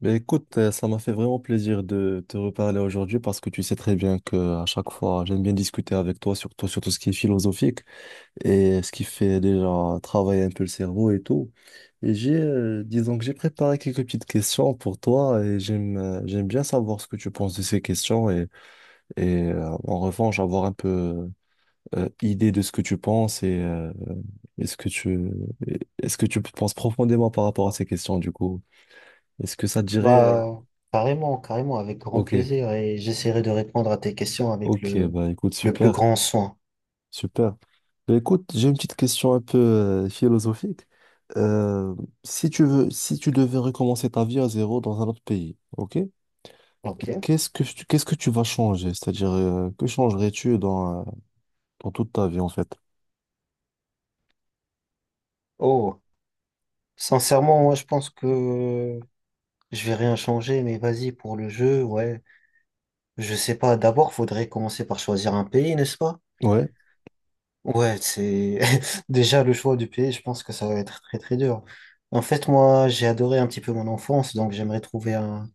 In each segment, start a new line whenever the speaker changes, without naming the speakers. Ben écoute, ça m'a fait vraiment plaisir de te reparler aujourd'hui parce que tu sais très bien que à chaque fois, j'aime bien discuter avec toi, surtout sur tout ce qui est philosophique et ce qui fait déjà travailler un peu le cerveau et tout. Et disons que j'ai préparé quelques petites questions pour toi et j'aime bien savoir ce que tu penses de ces questions et en revanche avoir un peu idée de ce que tu penses et est-ce que tu est-ce que tu penses profondément par rapport à ces questions du coup? Est-ce que ça te dirait
Bah, Carrément, carrément, avec grand
ok.
plaisir. Et j'essaierai de répondre à tes questions avec
Ok, bah écoute,
le plus grand soin.
super. Bah, écoute, j'ai une petite question un peu philosophique. Euh, si tu veux, si tu devais recommencer ta vie à zéro dans un autre pays, ok?
Ok.
Qu'est-ce que tu vas changer? C'est-à-dire, que changerais-tu dans toute ta vie en fait?
Oh, sincèrement, moi, je pense que je vais rien changer, mais vas-y, pour le jeu, ouais. Je sais pas, d'abord, faudrait commencer par choisir un pays, n'est-ce pas?
Ouais,
Ouais, c'est déjà le choix du pays, je pense que ça va être très, très dur. En fait, moi, j'ai adoré un petit peu mon enfance, donc j'aimerais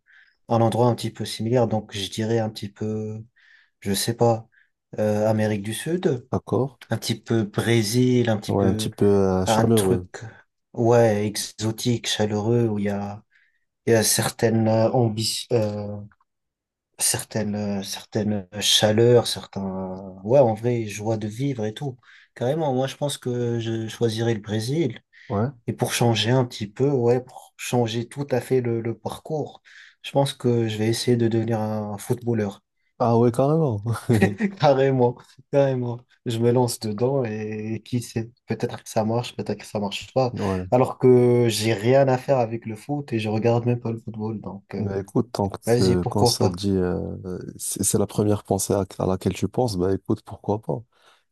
un endroit un petit peu similaire. Donc, je dirais un petit peu. Je sais pas, Amérique du Sud,
d'accord.
un petit peu Brésil, un petit
Ouais, un petit
peu
peu
un
chaleureux.
truc, ouais, exotique, chaleureux, où il y a certaines certaines chaleurs, certains, ouais, en vrai, joie de vivre et tout. Carrément, moi, je pense que je choisirais le Brésil.
Ouais.
Et pour changer un petit peu, ouais, pour changer tout à fait le parcours, je pense que je vais essayer de devenir un footballeur.
Ah ouais, carrément.
Carrément, carrément. Je me lance dedans et qui sait, peut-être que ça marche, peut-être que ça marche pas.
Ouais.
Alors que j'ai rien à faire avec le foot et je regarde même pas le football. Donc,
Bah écoute,
vas-y,
quand
pourquoi
ça te
pas.
dit, c'est la première pensée à laquelle tu penses, bah écoute, pourquoi pas.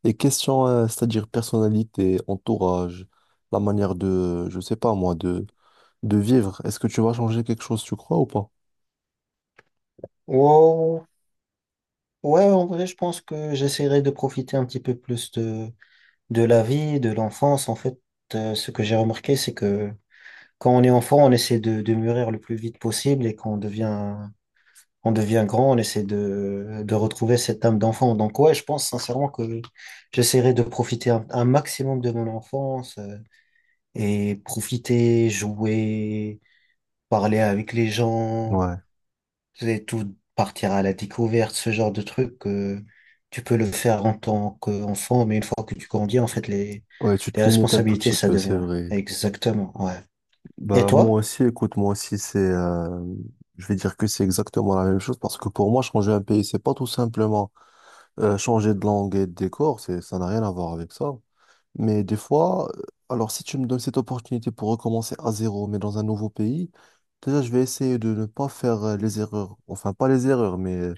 Et question, c'est-à-dire personnalité, entourage, la manière je sais pas moi, de vivre, est-ce que tu vas changer quelque chose, tu crois ou pas?
Wow. Ouais, en vrai, je pense que j'essaierai de profiter un petit peu plus de la vie, de l'enfance. En fait, ce que j'ai remarqué, c'est que quand on est enfant, on essaie de mûrir le plus vite possible et quand on devient grand, on essaie de retrouver cette âme d'enfant. Donc ouais, je pense sincèrement que j'essaierai de profiter un maximum de mon enfance, et profiter, jouer, parler avec les gens,
Ouais,
et tout, partir à la découverte, ce genre de truc que tu peux le faire en tant qu'enfant, mais une fois que tu grandis, en fait,
ouais, tu
les
te limites un tout
responsabilités,
petit
ça
peu, c'est
devient
vrai.
exactement, ouais. Et
Bah
toi?
moi aussi, écoute, moi aussi, je vais dire que c'est exactement la même chose parce que pour moi, changer un pays, c'est pas tout simplement changer de langue et de décor, ça n'a rien à voir avec ça. Mais des fois, alors si tu me donnes cette opportunité pour recommencer à zéro, mais dans un nouveau pays, déjà je vais essayer de ne pas faire les erreurs. Enfin, pas les erreurs, mais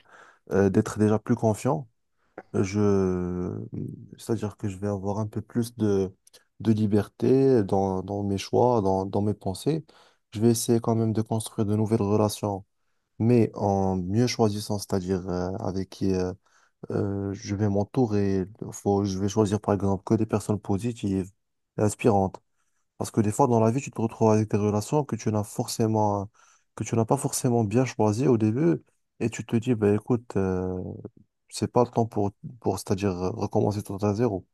d'être déjà plus confiant. Je... C'est-à-dire que je vais avoir un peu plus de liberté dans mes choix, dans mes pensées. Je vais essayer quand même de construire de nouvelles relations, mais en mieux choisissant, c'est-à-dire avec qui. Je vais m'entourer. Je vais choisir par exemple que des personnes positives et inspirantes. Parce que des fois dans la vie, tu te retrouves avec des relations que tu n'as pas forcément bien choisies au début. Et tu te dis, bah, écoute, c'est pas le temps pour c'est-à-dire recommencer tout à zéro.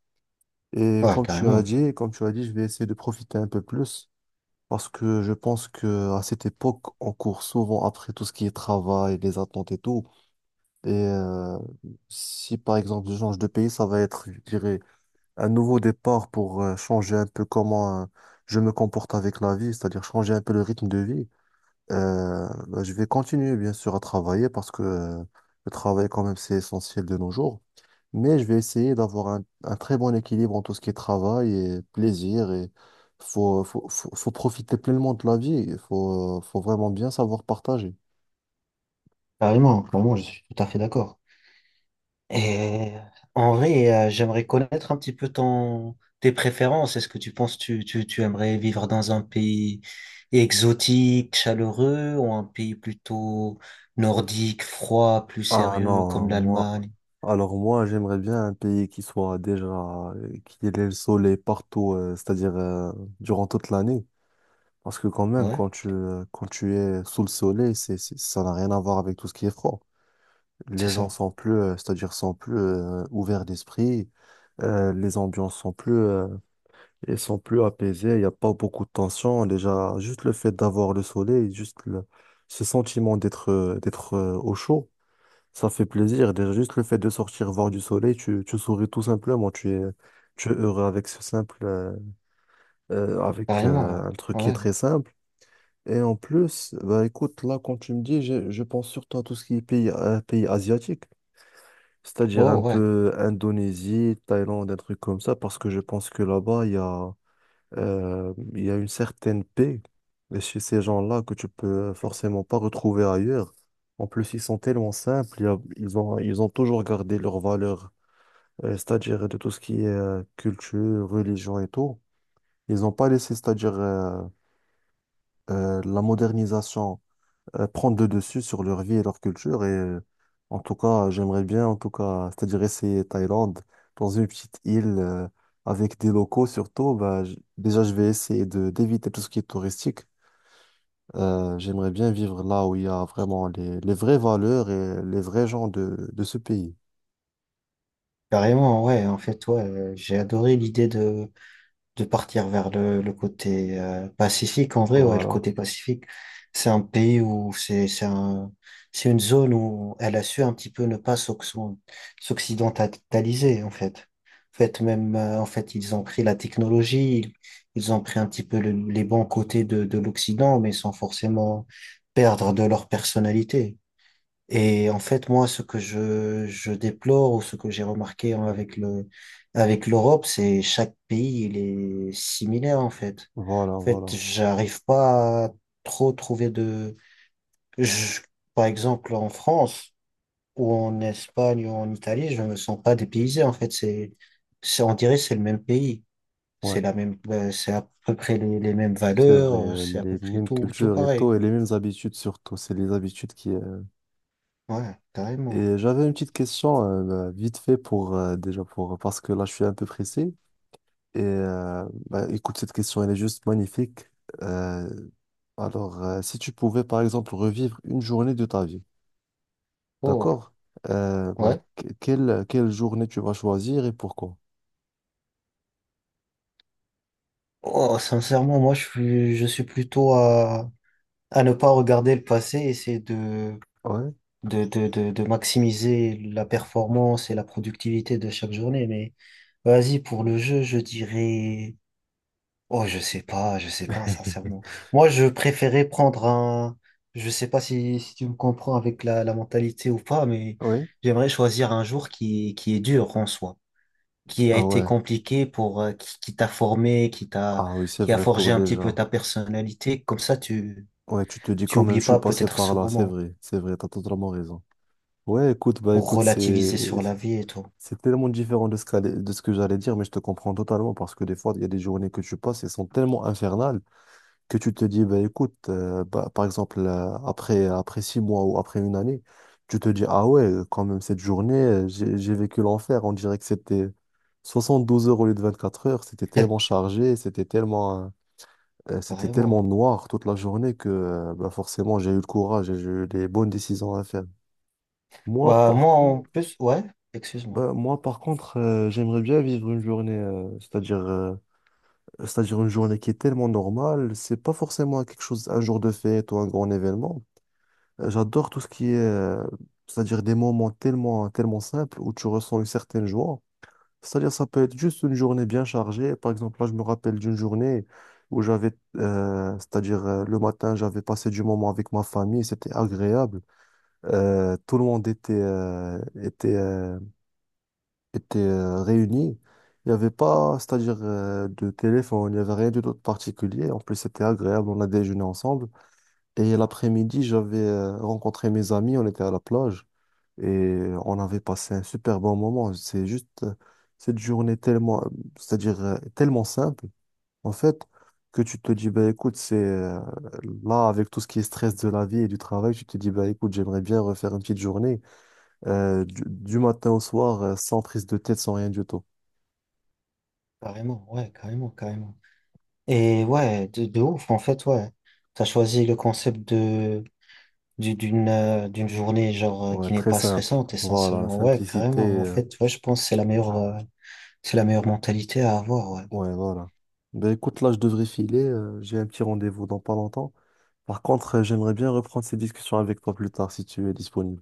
Et
Ouais, carrément.
comme tu as dit, je vais essayer de profiter un peu plus parce que je pense que à cette époque, on court souvent après tout ce qui est travail, les attentes et tout. Et si par exemple je change de pays, ça va être, je dirais, un nouveau départ pour changer un peu comment je me comporte avec la vie, c'est-à-dire changer un peu le rythme de vie. Bah, je vais continuer bien sûr à travailler parce que le travail quand même c'est essentiel de nos jours. Mais je vais essayer d'avoir un très bon équilibre en tout ce qui est travail et plaisir. Et faut profiter pleinement de la vie. Il faut vraiment bien savoir partager.
Carrément, carrément, je suis tout à fait d'accord. Et en vrai, j'aimerais connaître un petit peu tes préférences. Est-ce que tu penses tu, tu, tu aimerais vivre dans un pays exotique, chaleureux, ou un pays plutôt nordique, froid, plus
Ah
sérieux,
non,
comme
moi,
l'Allemagne?
alors moi, j'aimerais bien un pays qui soit déjà, qui ait le soleil partout, c'est-à-dire durant toute l'année. Parce que quand même,
Ouais,
quand tu es sous le soleil, ça n'a rien à voir avec tout ce qui est froid. Les
c'est
gens
ça.
sont c'est-à-dire sont plus ouverts d'esprit, les ambiances sont elles sont plus apaisées, il n'y a pas beaucoup de tension. Déjà, juste le fait d'avoir le soleil, ce sentiment d'être au chaud, ça fait plaisir. Déjà, juste le fait de sortir voir du soleil, tu souris tout simplement, tu es heureux avec ce simple, avec
Carrément.
un truc qui est
Ouais.
très simple. Et en plus, bah écoute, là, quand tu me dis, je pense surtout à tout ce qui est pays, pays asiatique, c'est-à-dire
Oh,
un
ouais.
peu Indonésie, Thaïlande, un truc comme ça, parce que je pense que là-bas, il y a une certaine paix chez ces gens-là que tu peux forcément pas retrouver ailleurs. En plus, ils sont tellement simples, ils ont toujours gardé leurs valeurs, c'est-à-dire de tout ce qui est culture, religion et tout. Ils n'ont pas laissé, c'est-à-dire la modernisation prendre le dessus sur leur vie et leur culture. Et en tout cas, j'aimerais bien, en tout cas, c'est-à-dire essayer Thaïlande dans une petite île avec des locaux surtout. Bah, déjà, je vais essayer de d'éviter tout ce qui est touristique. J'aimerais bien vivre là où il y a vraiment les vraies valeurs et les vrais gens de ce pays.
Carrément, ouais. En fait, ouais, j'ai adoré l'idée de partir vers le côté Pacifique. En vrai, ouais, le
Voilà,
côté Pacifique, c'est un pays où c'est une zone où elle a su un petit peu ne pas s'occidentaliser, en fait. En fait, même, ils ont pris la technologie, ils ont pris un petit peu les bons côtés de l'Occident, mais sans forcément perdre de leur personnalité. Et en fait, moi, ce que je déplore ou ce que j'ai remarqué hein, avec avec l'Europe, c'est chaque pays, il est similaire, en fait. En fait,
voilà.
j'arrive pas à trop trouver de, je- Par exemple, en France ou en Espagne ou en Italie, je me sens pas dépaysé, en fait. On dirait que c'est le même pays.
Ouais,
C'est la même, c'est à peu près les mêmes
c'est vrai,
valeurs, c'est à peu
les
près
mêmes
tout
cultures et
pareil.
tout, et les mêmes habitudes surtout. C'est les habitudes qui,
Ouais, carrément.
Et j'avais une petite question bah, vite fait pour déjà pour parce que là je suis un peu pressé et bah, écoute cette question elle est juste magnifique. Euh, alors si tu pouvais par exemple revivre une journée de ta vie,
Oh,
d'accord? Bah,
ouais.
quelle journée tu vas choisir et pourquoi?
Oh, sincèrement, moi, je suis plutôt à ne pas regarder le passé, essayer
Ouais,
de maximiser la performance et la productivité de chaque journée. Mais vas-y, pour le jeu, je dirais, oh, je sais pas, sincèrement. Moi, je préférais prendre un, je sais pas si, si tu me comprends avec la mentalité ou pas, mais
oui.
j'aimerais choisir un jour qui est dur en soi, qui a
Ah
été
ouais.
compliqué pour, qui t'a formé,
Ah oui, c'est
qui a
vrai pour
forgé un petit peu
déjà.
ta personnalité. Comme ça, tu,
Ouais, tu te dis
tu
quand même
oublies
je suis
pas
passé
peut-être
par
ce
là,
moment
c'est vrai, t'as totalement raison. Ouais, écoute, bah
pour
écoute, c'est
relativiser sur la vie et tout.
c'est tellement différent de de ce que j'allais dire, mais je te comprends totalement parce que des fois, il y a des journées que tu passes elles sont tellement infernales que tu te dis, bah, écoute, bah, par exemple, après 6 mois ou après 1 année, tu te dis, ah ouais, quand même, cette journée, j'ai vécu l'enfer. On dirait que c'était 72 heures au lieu de 24 heures. C'était tellement chargé, c'était tellement
Carrément.
noir toute la journée que bah, forcément, j'ai eu le courage et j'ai eu des bonnes décisions à faire. Moi,
Bah,
par
moi, en
contre,
plus, ouais, excuse-moi.
bah, moi, par contre, j'aimerais bien vivre une journée, c'est-à-dire une journée qui est tellement normale. C'est pas forcément quelque chose, un jour de fête ou un grand événement. J'adore tout ce qui est, c'est-à-dire des moments tellement, tellement simples où tu ressens une certaine joie. C'est-à-dire ça peut être juste une journée bien chargée. Par exemple, là, je me rappelle d'une journée où c'est-à-dire le matin, j'avais passé du moment avec ma famille. C'était agréable. Tout le monde était, étaient réunis. Il n'y avait pas, c'est-à-dire de téléphone, il n'y avait rien du tout de particulier. En plus, c'était agréable, on a déjeuné ensemble. Et l'après-midi, j'avais rencontré mes amis, on était à la plage et on avait passé un super bon moment. C'est juste cette journée tellement, c'est-à-dire tellement simple, en fait, que tu te dis, bah, écoute, c'est là, avec tout ce qui est stress de la vie et du travail, tu te dis, bah, écoute, j'aimerais bien refaire une petite journée du matin au soir, sans prise de tête, sans rien du tout.
Carrément, ouais, carrément, carrément. Et ouais, de ouf, en fait, ouais. T'as choisi le concept de. D'une d'une journée genre
Ouais,
qui n'est
très
pas
simple.
stressante
Voilà,
essentiellement, ouais,
simplicité.
carrément, en fait, ouais, je pense que c'est la meilleure mentalité à avoir, ouais.
Ouais, voilà. Ben écoute, là, je devrais filer. J'ai un petit rendez-vous dans pas longtemps. Par contre, j'aimerais bien reprendre ces discussions avec toi plus tard si tu es disponible.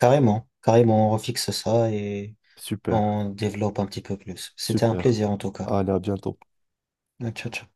Carrément, carrément, on refixe ça et
Super,
on développe un petit peu plus. C'était un
super.
plaisir en tout cas.
Allez, à bientôt.
Ciao ciao.